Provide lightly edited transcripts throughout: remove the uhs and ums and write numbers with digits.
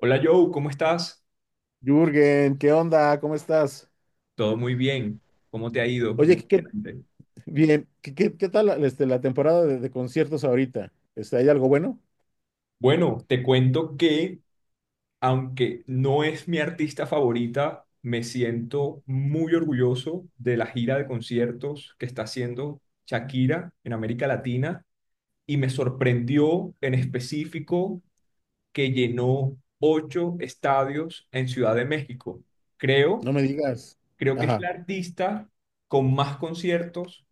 Hola Joe, ¿cómo estás? Jürgen, ¿qué onda? ¿Cómo estás? Todo muy bien. ¿Cómo te ha ido Oye, últimamente? bien. ¿Qué tal la temporada de conciertos ahorita? ¿Hay algo bueno? Bueno, te cuento que aunque no es mi artista favorita, me siento muy orgulloso de la gira de conciertos que está haciendo Shakira en América Latina y me sorprendió en específico que llenó ocho estadios en Ciudad de México. Creo No me digas. Creo que es la Ajá, artista con más conciertos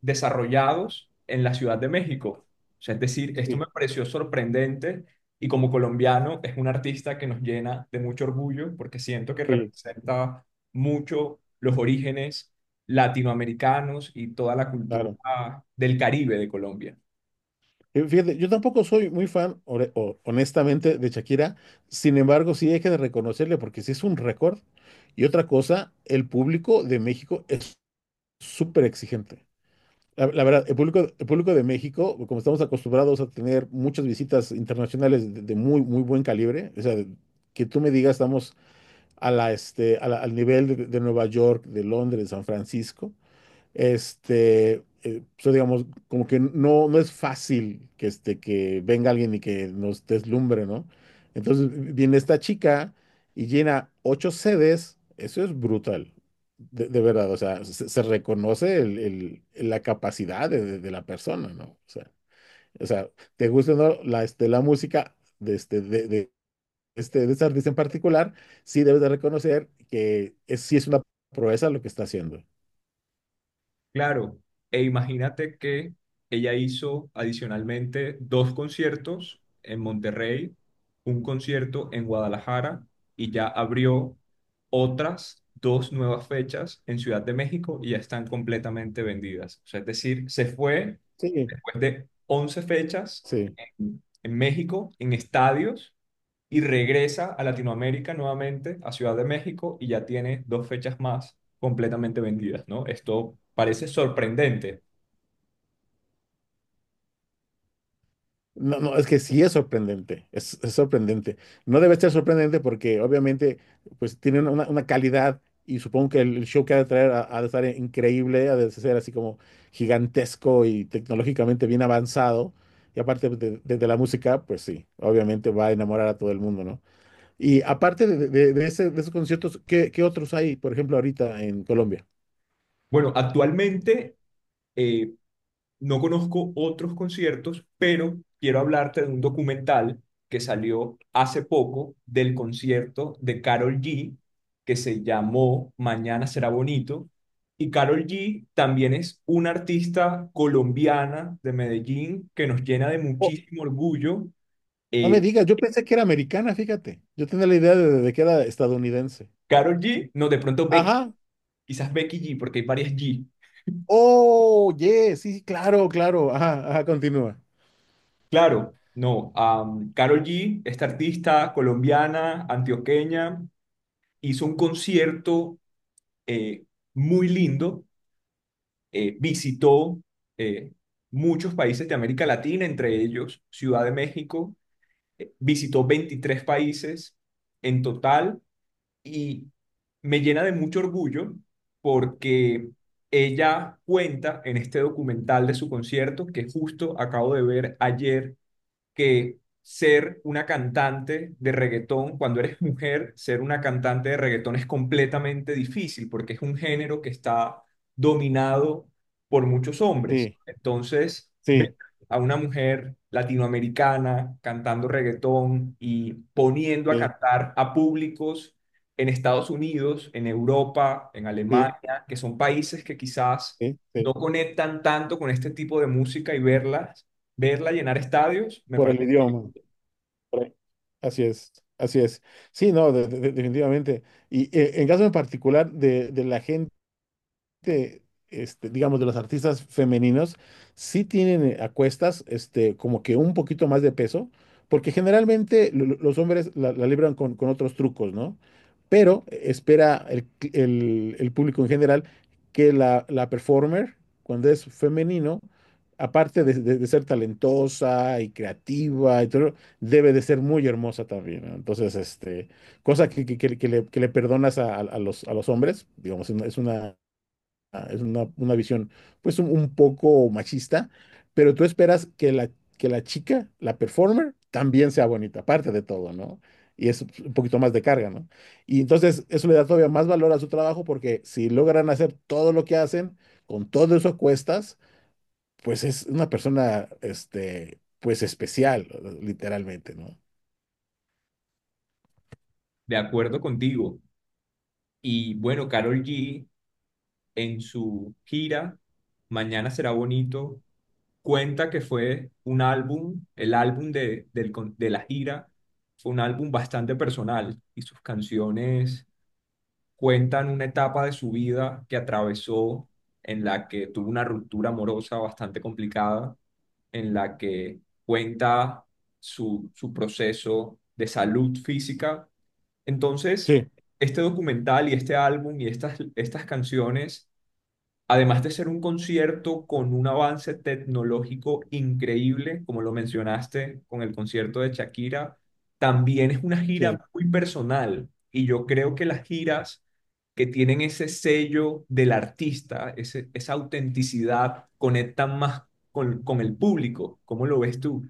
desarrollados en la Ciudad de México. O sea, es decir, esto sí, me pareció sorprendente y como colombiano es un artista que nos llena de mucho orgullo porque siento que sí, representa mucho los orígenes latinoamericanos y toda la claro. cultura del Caribe de Colombia. Fíjate, yo tampoco soy muy fan, honestamente, de Shakira. Sin embargo, sí hay que reconocerle porque sí es un récord. Y otra cosa, el público de México es súper exigente. La verdad, el público de México, como estamos acostumbrados a tener muchas visitas internacionales de muy, muy buen calibre, o sea, que tú me digas, estamos a la, este, a la- al nivel de Nueva York, de Londres, de San Francisco, digamos, como que no, no es fácil que, que venga alguien y que nos deslumbre, ¿no? Entonces viene esta chica y llena ocho sedes, eso es brutal, de verdad, o sea, se reconoce la capacidad de la persona, ¿no? O sea, te gusta o no la música de este artista en particular, sí debes de reconocer que sí es una proeza lo que está haciendo. Claro, e imagínate que ella hizo adicionalmente dos conciertos en Monterrey, un concierto en Guadalajara y ya abrió otras dos nuevas fechas en Ciudad de México y ya están completamente vendidas. O sea, es decir, se fue Sí, después de 11 fechas sí. en México, en estadios, y regresa a Latinoamérica nuevamente, a Ciudad de México, y ya tiene dos fechas más completamente vendidas, ¿no? Esto parece sorprendente. No, no, es que sí es sorprendente, es sorprendente. No debe ser sorprendente porque obviamente pues tiene una calidad y supongo que el show que ha de traer ha de estar increíble, ha de ser así como gigantesco y tecnológicamente bien avanzado. Y aparte pues, de la música, pues sí, obviamente va a enamorar a todo el mundo, ¿no? Y aparte de esos conciertos, ¿ qué otros hay, por ejemplo, ahorita en Colombia? Bueno, actualmente eh, no conozco otros conciertos, pero quiero hablarte de un documental que salió hace poco del concierto de Karol G, que se llamó Mañana será bonito. Y Karol G también es una artista colombiana de Medellín que nos llena de Oh, muchísimo orgullo. no me eh, digas, yo pensé que era americana, fíjate. Yo tenía la idea de que era estadounidense. Karol G, no, de pronto Becky, Ajá. quizás Becky G, porque hay varias G. Oh, yes, sí, sí, claro, claro. Ajá, ajá, continúa. Claro, no. Carol Karol G, esta artista colombiana, antioqueña, hizo un concierto eh, muy lindo, visitó eh, muchos países de América Latina, entre ellos Ciudad de México, visitó 23 países en total y me llena de mucho orgullo porque ella cuenta en este documental de su concierto que justo acabo de ver ayer que ser una cantante de reggaetón, cuando eres mujer, ser una cantante de reggaetón es completamente difícil porque es un género que está dominado por muchos hombres. Sí, Entonces, ver sí, a una mujer latinoamericana cantando reggaetón y poniendo a sí, cantar a públicos en Estados Unidos, en Europa, en sí, Alemania, que son países que quizás sí, no sí. conectan tanto con este tipo de música y verla llenar estadios, me Por parece. el idioma. Por ahí. Así es, así es. Sí, no, definitivamente. Y en caso en particular de la gente. de, digamos, de los artistas femeninos, sí tienen a cuestas, como que un poquito más de peso, porque generalmente los hombres la libran con otros trucos, ¿no? Pero espera el público en general que la performer, cuando es femenino, aparte de ser talentosa y creativa y todo, debe de ser muy hermosa también, ¿no? Entonces, cosa que le perdonas a los hombres, digamos, es una, una visión pues un poco machista, pero tú esperas que la chica, la performer, también sea bonita, aparte de todo, ¿no? Y es un poquito más de carga, ¿no? Y entonces eso le da todavía más valor a su trabajo porque si logran hacer todo lo que hacen, con todo eso cuestas, pues es una persona, pues especial, literalmente, ¿no? De acuerdo contigo. Y bueno, Karol G en su gira, Mañana será bonito, cuenta que fue un álbum, el álbum de, de la gira, fue un álbum bastante personal y sus canciones cuentan una etapa de su vida que atravesó en la que tuvo una ruptura amorosa bastante complicada, en la que cuenta su proceso de salud física. Entonces, Sí. este documental y este álbum y estas canciones, además de ser un concierto con un avance tecnológico increíble, como lo mencionaste con el concierto de Shakira, también es una gira Sí. muy personal. Y yo creo que las giras que tienen ese sello del artista, esa autenticidad, conectan más con el público. ¿Cómo lo ves tú?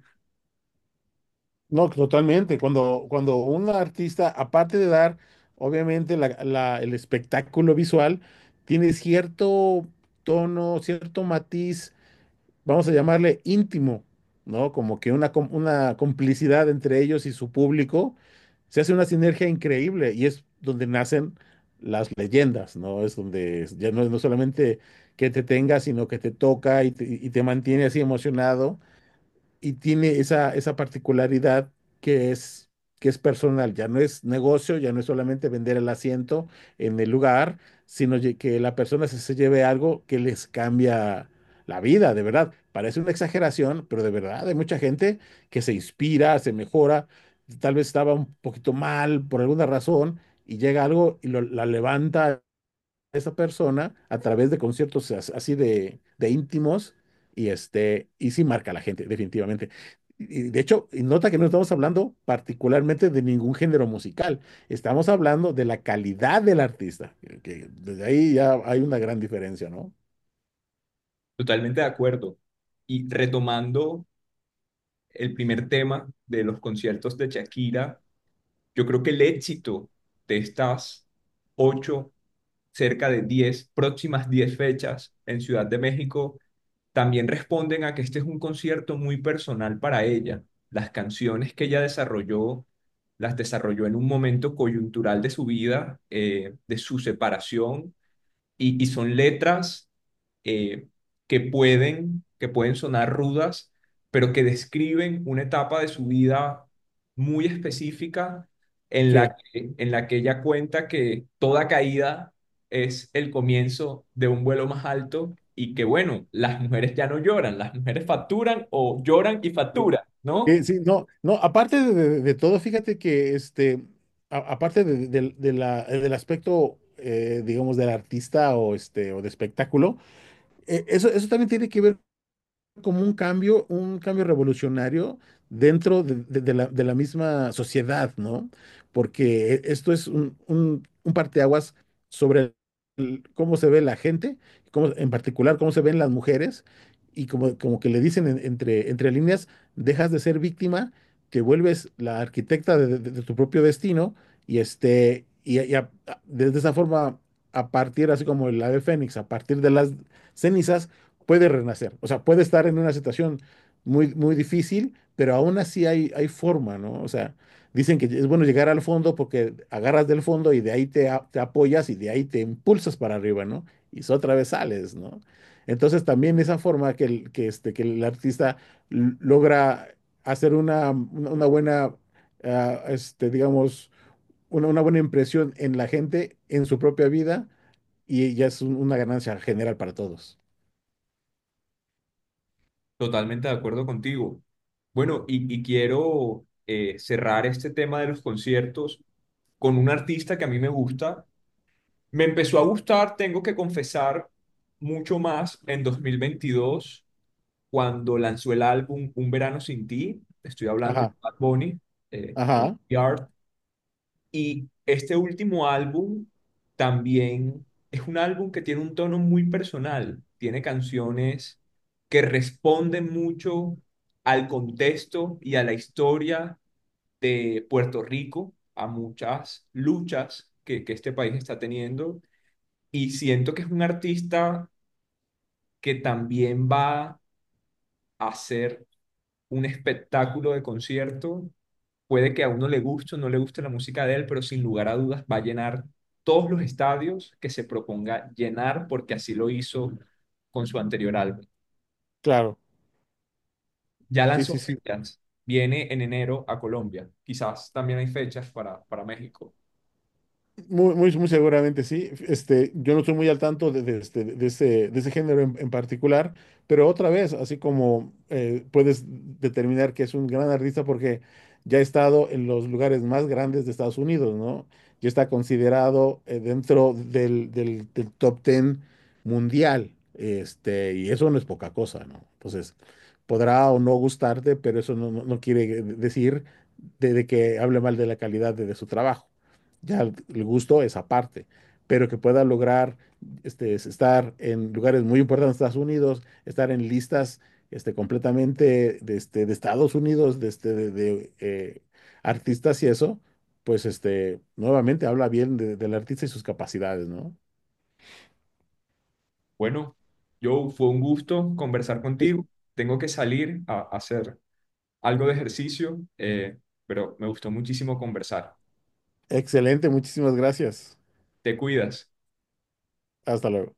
No, totalmente. Cuando un artista, aparte de dar, obviamente, el espectáculo visual, tiene cierto tono, cierto matiz, vamos a llamarle íntimo, ¿no? Como que una complicidad entre ellos y su público, se hace una sinergia increíble y es donde nacen las leyendas, ¿no? Es donde ya no, no solamente que te tenga, sino que te toca y te mantiene así emocionado y tiene esa particularidad que es, que es personal, ya no es negocio, ya no es solamente vender el asiento en el lugar, sino que la persona se lleve algo que les cambia la vida, de verdad. Parece una exageración, pero de verdad hay mucha gente que se inspira, se mejora, tal vez estaba un poquito mal por alguna razón y llega algo y la levanta esa persona a través de conciertos así de íntimos y sí marca a la gente, definitivamente. Y de hecho, y nota que no estamos hablando particularmente de ningún género musical, estamos hablando de la calidad del artista, que desde ahí ya hay una gran diferencia, ¿no? Totalmente de acuerdo. Y retomando el primer tema de los conciertos de Shakira, yo creo que el éxito de estas ocho, cerca de 10, próximas 10 fechas en Ciudad de México, también responden a que este es un concierto muy personal para ella. Las canciones que ella desarrolló, las desarrolló en un momento coyuntural de su vida, de su separación y son letras eh, que pueden sonar rudas, pero que describen una etapa de su vida muy específica en la Sí. que, en la que ella cuenta que toda caída es el comienzo de un vuelo más alto y que bueno, las mujeres ya no lloran, las mujeres facturan o lloran y Sí, facturan, ¿no? sí, sí, no, no, aparte de todo, fíjate que aparte del aspecto, digamos, del artista o o de espectáculo, eso también tiene que ver como un cambio revolucionario dentro de la misma sociedad, ¿no? Porque esto es un parteaguas sobre cómo se ve la gente, en particular cómo se ven las mujeres, y como que le dicen entre líneas, dejas de ser víctima, te vuelves la arquitecta de tu propio destino, desde esa forma, a partir, así como el ave fénix, a partir de las cenizas, puede renacer, o sea, puede estar en una situación muy, muy difícil, pero aún así hay forma, ¿no? O sea, dicen que es bueno llegar al fondo porque agarras del fondo y de ahí te apoyas y de ahí te impulsas para arriba, ¿no? Y otra vez sales, ¿no? Entonces también esa forma que el artista logra hacer una buena, digamos, una buena impresión en la gente, en su propia vida, y ya es una ganancia general para todos. Totalmente de acuerdo contigo. Bueno, y quiero cerrar este tema de los conciertos con un artista que a mí me gusta. Me empezó a gustar, tengo que confesar, mucho más en 2022 cuando lanzó el álbum Un Verano Sin Ti. Estoy hablando de Ajá, Bad Bunny, eh, ajá. Yard. Y este último álbum también es un álbum que tiene un tono muy personal. Tiene canciones que responden mucho al contexto y a la historia de Puerto Rico a muchas luchas que este país está teniendo y siento que es un artista que también va a hacer un espectáculo de concierto. Puede que a uno le guste o no le guste la música de él, pero sin lugar a dudas va a llenar todos los estadios que se proponga llenar porque así lo hizo con su anterior álbum. Claro, Ya sí, sí, lanzó sí. fechas, viene en enero a Colombia. Quizás también hay fechas para México. Muy, muy, muy seguramente sí. Yo no estoy muy al tanto de ese género en particular, pero otra vez, así como puedes determinar que es un gran artista porque ya ha estado en los lugares más grandes de Estados Unidos, ¿no? Ya está considerado dentro del top 10 mundial, y eso no es poca cosa, ¿no? Entonces, podrá o no gustarte, pero eso no quiere decir de que hable mal de la calidad de su trabajo. Ya el gusto es aparte, pero que pueda lograr este, es estar en lugares muy importantes de Estados Unidos, estar en listas completamente de Estados Unidos, de, este, de, artistas y eso, pues nuevamente habla bien del artista y sus capacidades, ¿no? Bueno, Joe, fue un gusto conversar Sí. contigo. Tengo que salir a hacer algo de ejercicio, pero me gustó muchísimo conversar. Excelente, muchísimas gracias. Te cuidas. Hasta luego.